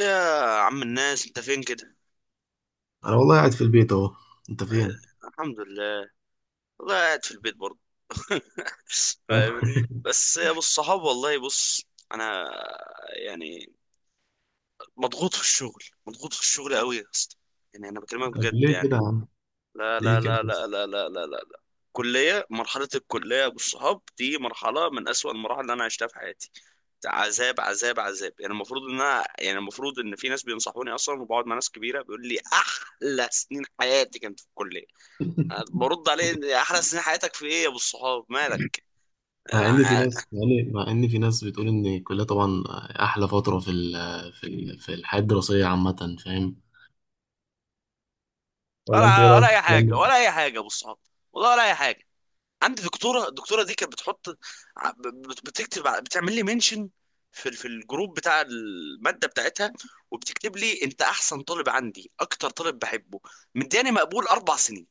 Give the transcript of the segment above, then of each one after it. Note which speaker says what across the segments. Speaker 1: يا عم الناس، انت فين كده؟
Speaker 2: انا والله قاعد في البيت اهو. انت فين؟
Speaker 1: الحمد لله. والله قاعد في البيت برضه.
Speaker 2: آه.
Speaker 1: فاهمني بس يا ابو الصحاب، والله بص. انا يعني مضغوط في الشغل، مضغوط في الشغل قوي يا اسطى. يعني انا بكلمك
Speaker 2: طب
Speaker 1: بجد
Speaker 2: ليه كده
Speaker 1: يعني.
Speaker 2: يا عم؟
Speaker 1: لا لا
Speaker 2: ليه كده
Speaker 1: لا
Speaker 2: بس؟
Speaker 1: لا لا لا لا لا لا. مرحلة الكلية يا ابو الصحاب دي مرحلة من اسوأ المراحل اللي انا عشتها في حياتي. عذاب عذاب عذاب. المفروض ان في ناس بينصحوني اصلا، وبقعد مع ناس كبيره بيقول لي احلى سنين حياتي كانت في الكليه. برد عليه إن احلى سنين حياتك في ايه يا ابو الصحاب، مالك؟
Speaker 2: مع إن في ناس بتقول ان الكليه طبعا احلى فتره في الحياه الدراسيه عامه، فاهم؟ ولا انت ايه
Speaker 1: ولا ولا
Speaker 2: رايك في
Speaker 1: اي
Speaker 2: الكلام
Speaker 1: حاجه،
Speaker 2: ده؟
Speaker 1: ولا اي حاجه يا ابو الصحاب. والله ولا اي حاجه. عندي دكتوره، الدكتوره دي كانت بتحط بتعمل لي منشن في الجروب بتاع الماده بتاعتها، وبتكتب لي انت احسن طالب عندي، اكتر طالب بحبه. مدياني مقبول 4 سنين.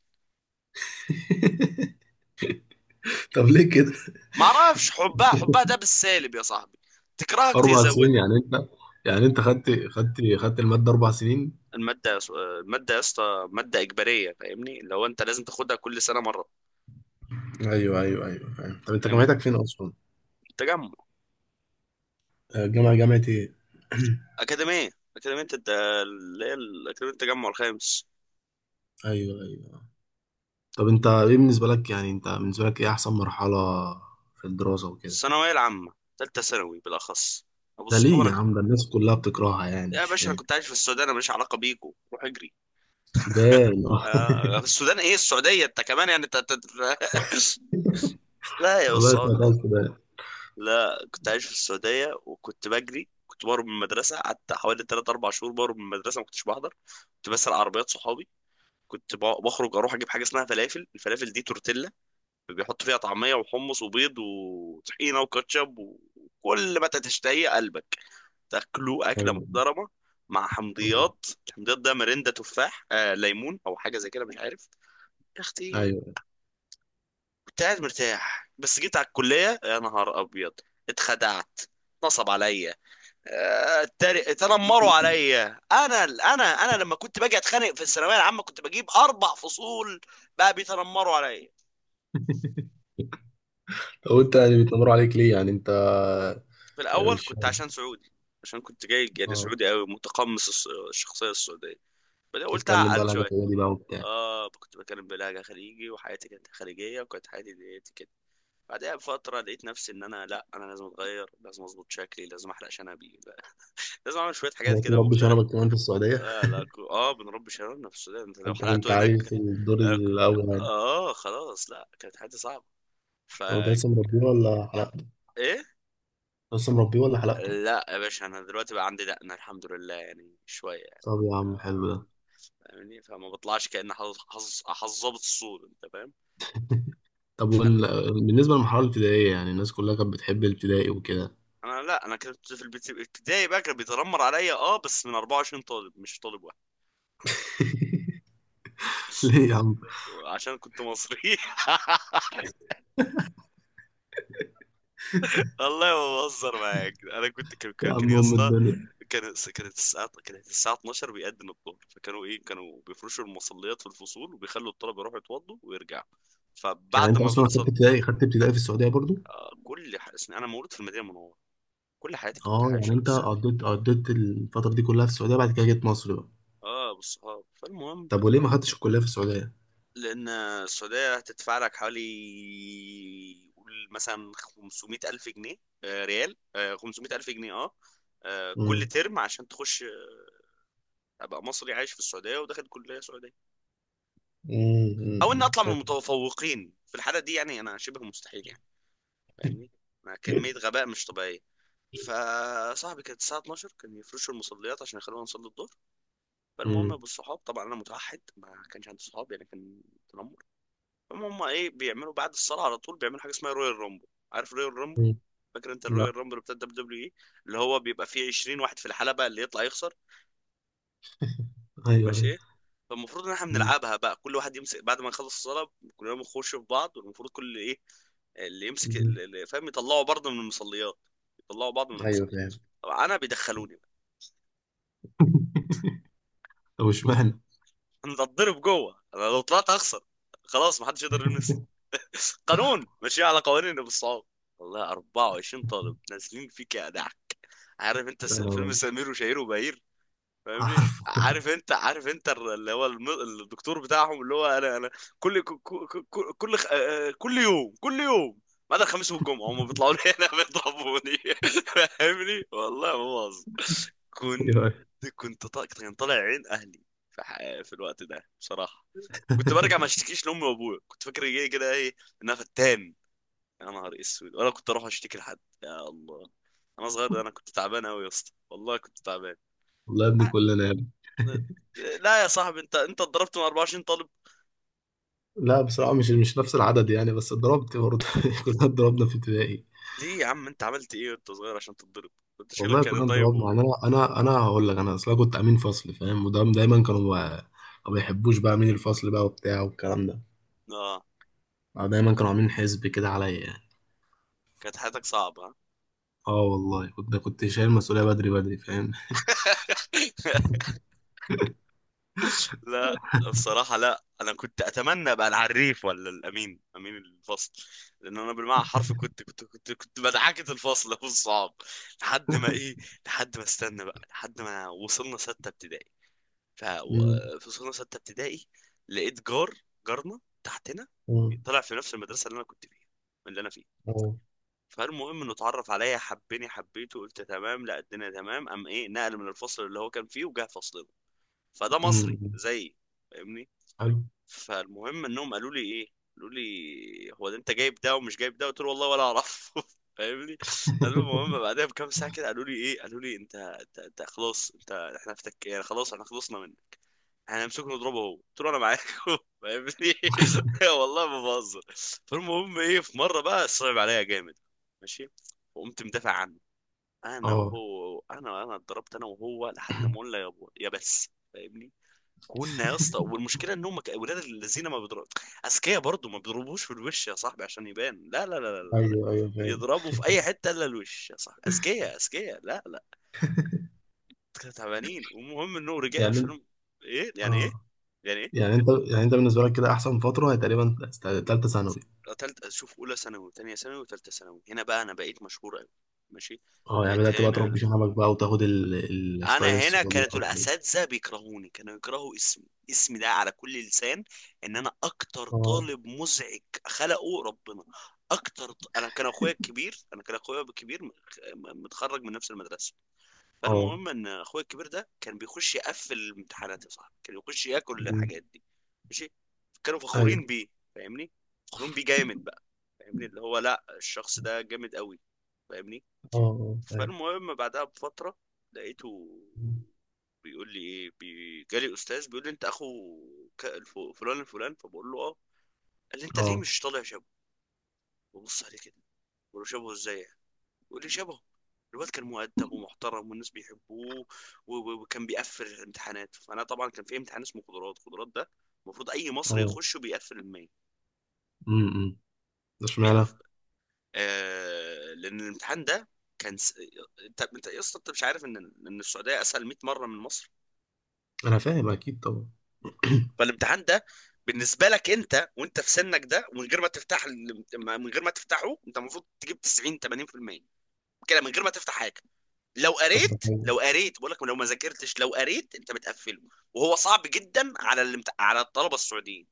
Speaker 2: طب ليه كده؟
Speaker 1: ما اعرفش، حبها، حبها ده بالسالب يا صاحبي. تكرهك
Speaker 2: اربع سنين،
Speaker 1: تزودها.
Speaker 2: يعني انت، يعني انت خدت الماده اربع سنين.
Speaker 1: الماده يا اسطى ماده اجباريه، فاهمني لو انت لازم تاخدها كل سنه مره.
Speaker 2: ايوه ايوه ايوه، فاهم. طب انت جامعتك فين اصلا؟
Speaker 1: تجمع.
Speaker 2: آه، جامعه ايه؟
Speaker 1: أكاديمية، أكاديمية التجمع الخامس.
Speaker 2: ايوه ايوه. طب انت، ايه بالنسبة لك، يعني انت بالنسبة لك ايه احسن مرحلة في الدراسة وكده؟
Speaker 1: الثانوية العامة، تالتة ثانوي بالأخص، أبو
Speaker 2: ده ليه يا
Speaker 1: صحابك.
Speaker 2: عم؟ ده الناس كلها بتكرهها، يعني
Speaker 1: يا
Speaker 2: مش
Speaker 1: باشا، أنا
Speaker 2: فاهم.
Speaker 1: كنت عايش في السودان، أنا ماليش علاقة بيكو، روح اجري.
Speaker 2: السودان. آه.
Speaker 1: في السودان؟ إيه، السعودية. أنت كمان يعني، لا يا
Speaker 2: والله
Speaker 1: أستاذ.
Speaker 2: اسمها خالص السودان.
Speaker 1: لا كنت عايش في السعودية، وكنت بجري، كنت بهرب من المدرسة، قعدت حوالي 3 4 شهور بهرب من المدرسة ما كنتش بحضر. كنت بسرق عربيات صحابي. كنت بخرج أروح أجيب حاجة اسمها فلافل. الفلافل دي تورتيلا، بيحط فيها طعمية وحمص وبيض وطحينة وكاتشب وكل ما تشتهي قلبك. تاكلوا أكلة
Speaker 2: ايوه.
Speaker 1: محترمة مع
Speaker 2: مم.
Speaker 1: حمضيات. الحمضيات ده مرندة تفاح، ليمون أو حاجة زي كده، مش عارف. يا أختي
Speaker 2: ايوه.
Speaker 1: كنت قاعد مرتاح، بس جيت على الكلية يا نهار أبيض. اتخدعت، نصب عليا. اتنمروا عليا. انا لما كنت باجي اتخانق في الثانويه العامه كنت بجيب 4 فصول. بقى بيتنمروا عليا.
Speaker 2: طب انت يعني بيتنمروا عليك ليه، يعني انت؟
Speaker 1: في
Speaker 2: يعني
Speaker 1: الاول
Speaker 2: مش
Speaker 1: كنت
Speaker 2: فاهم.
Speaker 1: عشان سعودي. عشان كنت جاي يعني
Speaker 2: اه.
Speaker 1: سعودي قوي، متقمص الشخصيه السعوديه. بعدين قلت
Speaker 2: تتكلم بقى
Speaker 1: اعقل
Speaker 2: لهجة
Speaker 1: شويه.
Speaker 2: دي بقى وبتاع.
Speaker 1: اه كنت بتكلم بلهجه خليجي، وحياتي كانت خليجيه، وكانت حياتي ديت كده. بعدها بفتره لقيت نفسي ان انا، لا، انا لازم اتغير، لازم اظبط شكلي، لازم احلق شنبي، لا، لازم اعمل شويه حاجات
Speaker 2: دلوقتي
Speaker 1: كده
Speaker 2: مربي
Speaker 1: مختلفه.
Speaker 2: شنبك كمان في السعودية؟
Speaker 1: اه لا، اه بنربي شنبنا في السودان، انت لو
Speaker 2: انت كنت
Speaker 1: حلقته
Speaker 2: عايش
Speaker 1: هناك.
Speaker 2: في الدور
Speaker 1: اه ك-
Speaker 2: الاول يعني؟
Speaker 1: خلاص لا، كانت حياتي صعبه، ف.
Speaker 2: طب انت لسه مربيه ولا حلقته؟
Speaker 1: ايه.
Speaker 2: لسه مربيه ولا حلقته؟
Speaker 1: لا يا باشا انا دلوقتي بقى عندي دقنه، الحمد لله يعني، شويه يعني.
Speaker 2: طب يا عم حلو
Speaker 1: آه.
Speaker 2: ده.
Speaker 1: فاهمني، فما بطلعش كأن حظ ظابط الصوت، انت فاهم.
Speaker 2: طب
Speaker 1: فلا.
Speaker 2: بالنسبة للمرحلة الابتدائية، يعني الناس كلها كانت بتحب الابتدائي وكده.
Speaker 1: انا، لا انا كنت في الابتدائي بقى كان بيتنمر عليا، اه بس من 24 طالب، مش طالب واحد.
Speaker 2: ليه يا عم؟
Speaker 1: عشان كنت مصري. والله ما بهزر معاك. انا كنت كان كان
Speaker 2: يا
Speaker 1: كان
Speaker 2: عم
Speaker 1: يا
Speaker 2: ام
Speaker 1: اسطى،
Speaker 2: الدنيا.
Speaker 1: كانت الساعة 12، بيأذن الظهر، فكانوا ايه، كانوا بيفرشوا المصليات في الفصول، وبيخلوا الطلبة يروحوا يتوضوا ويرجعوا.
Speaker 2: يعني
Speaker 1: فبعد
Speaker 2: انت
Speaker 1: ما
Speaker 2: اصلا خدت
Speaker 1: بتصل.
Speaker 2: ابتدائي خدت ابتدائي في السعودية برضو؟
Speaker 1: انا مولود في المدينة المنورة، كل حياتي كنت
Speaker 2: اه. يعني
Speaker 1: عايشة
Speaker 2: انت
Speaker 1: بالسعودية.
Speaker 2: قضيت الفترة دي كلها في السعودية، بعد كده جيت مصر بقى؟
Speaker 1: اه بالصحاب، فالمهم،
Speaker 2: طب وليه ما خدتش الكلية في السعودية؟
Speaker 1: لأن السعودية هتدفع لك حوالي قول مثلا 500 ألف جنيه، آه ريال، آه 500 ألف جنيه، اه، آه كل
Speaker 2: امم.
Speaker 1: ترم عشان تخش، آه أبقى مصري عايش في السعودية وداخل كلية سعودية؟
Speaker 2: امم،
Speaker 1: أو إن أطلع من
Speaker 2: فاهم.
Speaker 1: المتفوقين في الحالة دي، يعني أنا شبه مستحيل يعني، فاهمني. أنا كمية غباء مش طبيعية. فصاحبي كانت الساعة 12 كان يفرشوا المصليات عشان يخلونا نصلي الظهر. فالمهم
Speaker 2: امم.
Speaker 1: بالصحاب، طبعا أنا متوحد، ما كانش عندي صحاب يعني، كان تنمر. هم ايه بيعملوا بعد الصلاه على طول، بيعملوا حاجه اسمها رويال رامبل. عارف رويال رامبل،
Speaker 2: أمم.
Speaker 1: فاكر انت
Speaker 2: لا.
Speaker 1: الرويال رامبل بتاع الدبليو دبليو اي؟ اللي هو بيبقى فيه 20 واحد في الحلبه، اللي يطلع يخسر،
Speaker 2: ايوه ايوه.
Speaker 1: ماشي. فالمفروض ان احنا
Speaker 2: أمم.
Speaker 1: بنلعبها بقى، كل واحد يمسك بعد ما يخلص الصلاه، كلنا بنخش في بعض، والمفروض كل ايه، اللي يمسك
Speaker 2: أمم.
Speaker 1: اللي فاهم يطلعوا برضه من المصليات، يطلعوا بعض من
Speaker 2: ايوه،
Speaker 1: المصليات.
Speaker 2: فاهم.
Speaker 1: طبعا انا بيدخلوني بقى.
Speaker 2: طب اشمعنى؟
Speaker 1: انا بتضرب جوه، انا لو طلعت اخسر، خلاص محدش يقدر يلمس. قانون ماشي على قوانين ابو الصعاب. والله 24 طالب نازلين فيك يا دع. عارف انت
Speaker 2: يا نهار
Speaker 1: فيلم
Speaker 2: أبيض.
Speaker 1: سمير وشهير وبهير؟ فاهمني.
Speaker 2: عارفه.
Speaker 1: عارف انت، عارف انت الدكتور بتاعهم، اللي هو انا انا، كل ك- ك- ك- كل خ- آه، آه، كل يوم كل يوم ما عدا الخميس والجمعة، هم بيطلعوا لي هنا بيضربوني. فاهمني، والله ما بهزر. كنت
Speaker 2: ايوه.
Speaker 1: كان طالع عين اهلي في في الوقت ده بصراحة. كنت برجع ما اشتكيش لامي وابويا، كنت فاكر ايه كده، ايه، ان انا فتان. يا نهار اسود. ولا كنت اروح اشتكي لحد، يا الله انا صغير ده، انا كنت تعبان قوي يا اسطى، والله كنت تعبان.
Speaker 2: والله يا ابني
Speaker 1: أ-
Speaker 2: كلنا.
Speaker 1: لا يا صاحبي، انت اتضربت من 24 طالب.
Speaker 2: لا، بصراحة مش نفس العدد، يعني، بس اتضربت برضه. كلنا اتضربنا في ابتدائي.
Speaker 1: ليه يا عم انت عملت ايه وانت صغير عشان تتضرب، انت شكلك
Speaker 2: والله
Speaker 1: كان
Speaker 2: كلنا
Speaker 1: طيب
Speaker 2: اتضربنا،
Speaker 1: و...
Speaker 2: يعني انا هقول لك، انا اصلا كنت امين فصل، فاهم، وده دايما كانوا ما بيحبوش بقى امين الفصل بقى وبتاع والكلام ده.
Speaker 1: اه.
Speaker 2: آه، دايما كانوا عاملين حزب كده عليا، يعني.
Speaker 1: كانت حياتك صعبة، ها؟
Speaker 2: اه والله كنت شايل المسؤولية بدري بدري، فاهم.
Speaker 1: لا الصراحة، لا أنا كنت أتمنى أبقى العريف ولا الأمين، أمين الفصل. لأن أنا بالمعنى حرفي كنت كنت مدعكة الفصل. أبو الصعب. لحد ما إيه، لحد ما استنى بقى، لحد ما وصلنا ستة ابتدائي. ف.
Speaker 2: أمم.
Speaker 1: في سنة ستة ابتدائي لقيت جار، جارنا تحتنا،
Speaker 2: أمم.
Speaker 1: طلع في نفس المدرسة اللي أنا كنت فيها، اللي أنا فيه.
Speaker 2: اه.
Speaker 1: فالمهم إنه اتعرف عليا، حبني حبيته، قلت تمام، لا الدنيا تمام. قام إيه، نقل من الفصل اللي هو كان فيه وجه فصلنا، فده مصري
Speaker 2: أمم.
Speaker 1: زيي فاهمني.
Speaker 2: حلو.
Speaker 1: فالمهم إنهم قالوا لي إيه، قالوا لي، هو ده أنت جايب ده ومش جايب ده، قلت له والله ولا أعرف. فاهمني. المهم بعدها بكام ساعة كده قالوا لي إيه، قالوا لي أنت، أنت, انت خلاص أنت إحنا فتك يعني، خلاص إحنا خلصنا منك، هنمسكه نضربه هو، قلت له انا معاكم. فاهمني. والله ما بهزر. فالمهم ايه، في مره بقى صعب عليا جامد، ماشي، وقمت مدافع عنه، انا
Speaker 2: اه
Speaker 1: وهو. انا اتضربت انا وهو لحد ما قلنا يا بو- يا بس. فاهمني. كنا يا اسطى، والمشكله ان هم ولاد الذين ما بيضربوا، اذكياء برضه، ما بيضربوش في الوش يا صاحبي عشان يبان، لا لا لا لا لا لا.
Speaker 2: ايوه ايوه، فاهم.
Speaker 1: يضربوا في اي حته الا الوش، يا صاحبي اذكياء اذكياء، لا لا. كانوا تعبانين. والمهم انه رجع
Speaker 2: يعني انت-
Speaker 1: فيلم. ايه يعني، ايه
Speaker 2: اه.
Speaker 1: يعني، ايه.
Speaker 2: يعني انت، بالنسبة لك كده احسن فترة هي تقريبا تالتة ثانوي.
Speaker 1: تالتة، شوف، أولى ثانوي وتانية ثانوي وتالتة ثانوي، هنا بقى أنا بقيت مشهور أوي، ماشي.
Speaker 2: اه، يعني
Speaker 1: بقيت
Speaker 2: بدأت بقى
Speaker 1: هنا.
Speaker 2: تربي شنبك بقى وتاخد الستايل
Speaker 1: أنا هنا
Speaker 2: السعودي
Speaker 1: كانت
Speaker 2: بقى وكده.
Speaker 1: الأساتذة بيكرهوني، كانوا يكرهوا اسمي، اسمي ده على كل لسان، إن أنا أكتر
Speaker 2: اه
Speaker 1: طالب مزعج خلقه ربنا. أكتر ط... أنا كان أخويا الكبير، أنا كان أخويا الكبير متخرج من نفس المدرسة.
Speaker 2: اه.
Speaker 1: فالمهم إن أخويا الكبير ده كان بيخش يقفل الامتحانات يا صاحبي، كان يخش ياكل
Speaker 2: مم.
Speaker 1: الحاجات دي، ماشي. كانوا
Speaker 2: ايوه.
Speaker 1: فخورين بيه، فاهمني، فخورين بيه جامد، فاهمني، اللي هو لا الشخص ده جامد قوي، فاهمني.
Speaker 2: اه اه، ايوه.
Speaker 1: فالمهم بعدها بفترة، لقيته
Speaker 2: مم.
Speaker 1: بيقول لي ايه، جالي استاذ بيقول لي، انت اخو فلان الفلان؟ فبقول له اه. قال لي انت ليه
Speaker 2: اه
Speaker 1: مش طالع شبهه؟ ببص عليه كده بقول له، شبهه ازاي يعني؟ بيقول لي شبهه، الواد كان مؤدب ومحترم والناس بيحبوه، وكان بيقفل الامتحانات. فانا طبعا، كان في امتحان اسمه قدرات، قدرات ده المفروض اي مصري
Speaker 2: اه.
Speaker 1: يخشه بيقفل المية.
Speaker 2: امم. ده اشمعنى؟
Speaker 1: آه لان الامتحان ده كان انت يا اسطى انت مش عارف ان ان السعوديه اسهل 100 مره من مصر.
Speaker 2: انا فاهم اكيد طبعا.
Speaker 1: فالامتحان ده بالنسبه لك انت وانت في سنك ده، ومن غير ما تفتح من غير ما تفتحه، انت المفروض تجيب 90 80% كده من غير ما تفتح حاجه. لو
Speaker 2: طب ده
Speaker 1: قريت،
Speaker 2: حلو.
Speaker 1: لو قريت بقول لك، لو ما ذاكرتش لو قريت انت بتقفله. وهو صعب جدا على على الطلبه السعوديين.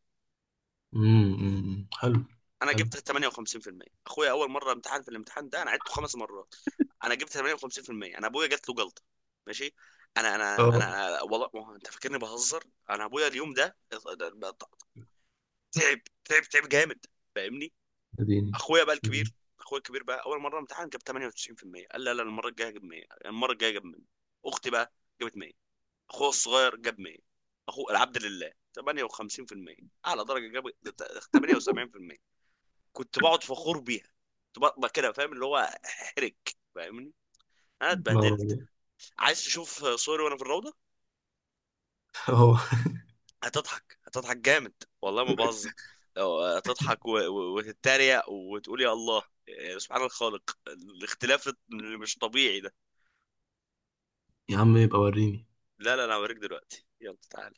Speaker 2: امم. أمم، حلو.
Speaker 1: انا
Speaker 2: حلو.
Speaker 1: جبت 58%، اخويا اول مره امتحن في الامتحان ده، انا عدته 5 مرات. انا جبت 58%، انا ابويا جات له جلطه ماشي.
Speaker 2: اه،
Speaker 1: انا والله، ما هو انت فاكرني بهزر. انا ابويا اليوم ده تعب تعب تعب جامد، فاهمني.
Speaker 2: اديني.
Speaker 1: اخويا بقى
Speaker 2: أمم.
Speaker 1: الكبير، اخويا الكبير بقى اول مره امتحن جاب 98%. قال لا لا، المره الجايه جاب 100، المره الجايه جاب 100. اختي بقى جابت 100، اخويا الصغير جاب 100، اخو العبد لله 58%، اعلى درجه جاب 78%. كنت بقعد فخور بيها، كنت بطلع كده فاهم اللي هو، احرج، فاهمني، انا
Speaker 2: انا ورا
Speaker 1: اتبهدلت.
Speaker 2: والله.
Speaker 1: عايز تشوف صوري وانا في الروضه؟
Speaker 2: اه.
Speaker 1: هتضحك، هتضحك جامد والله ما بهزر. لو هتضحك، وتتريق وتقول يا الله، سبحان الخالق الاختلاف اللي مش طبيعي ده.
Speaker 2: يا عم يبقى وريني.
Speaker 1: لا لا، انا هوريك دلوقتي، يلا تعالى.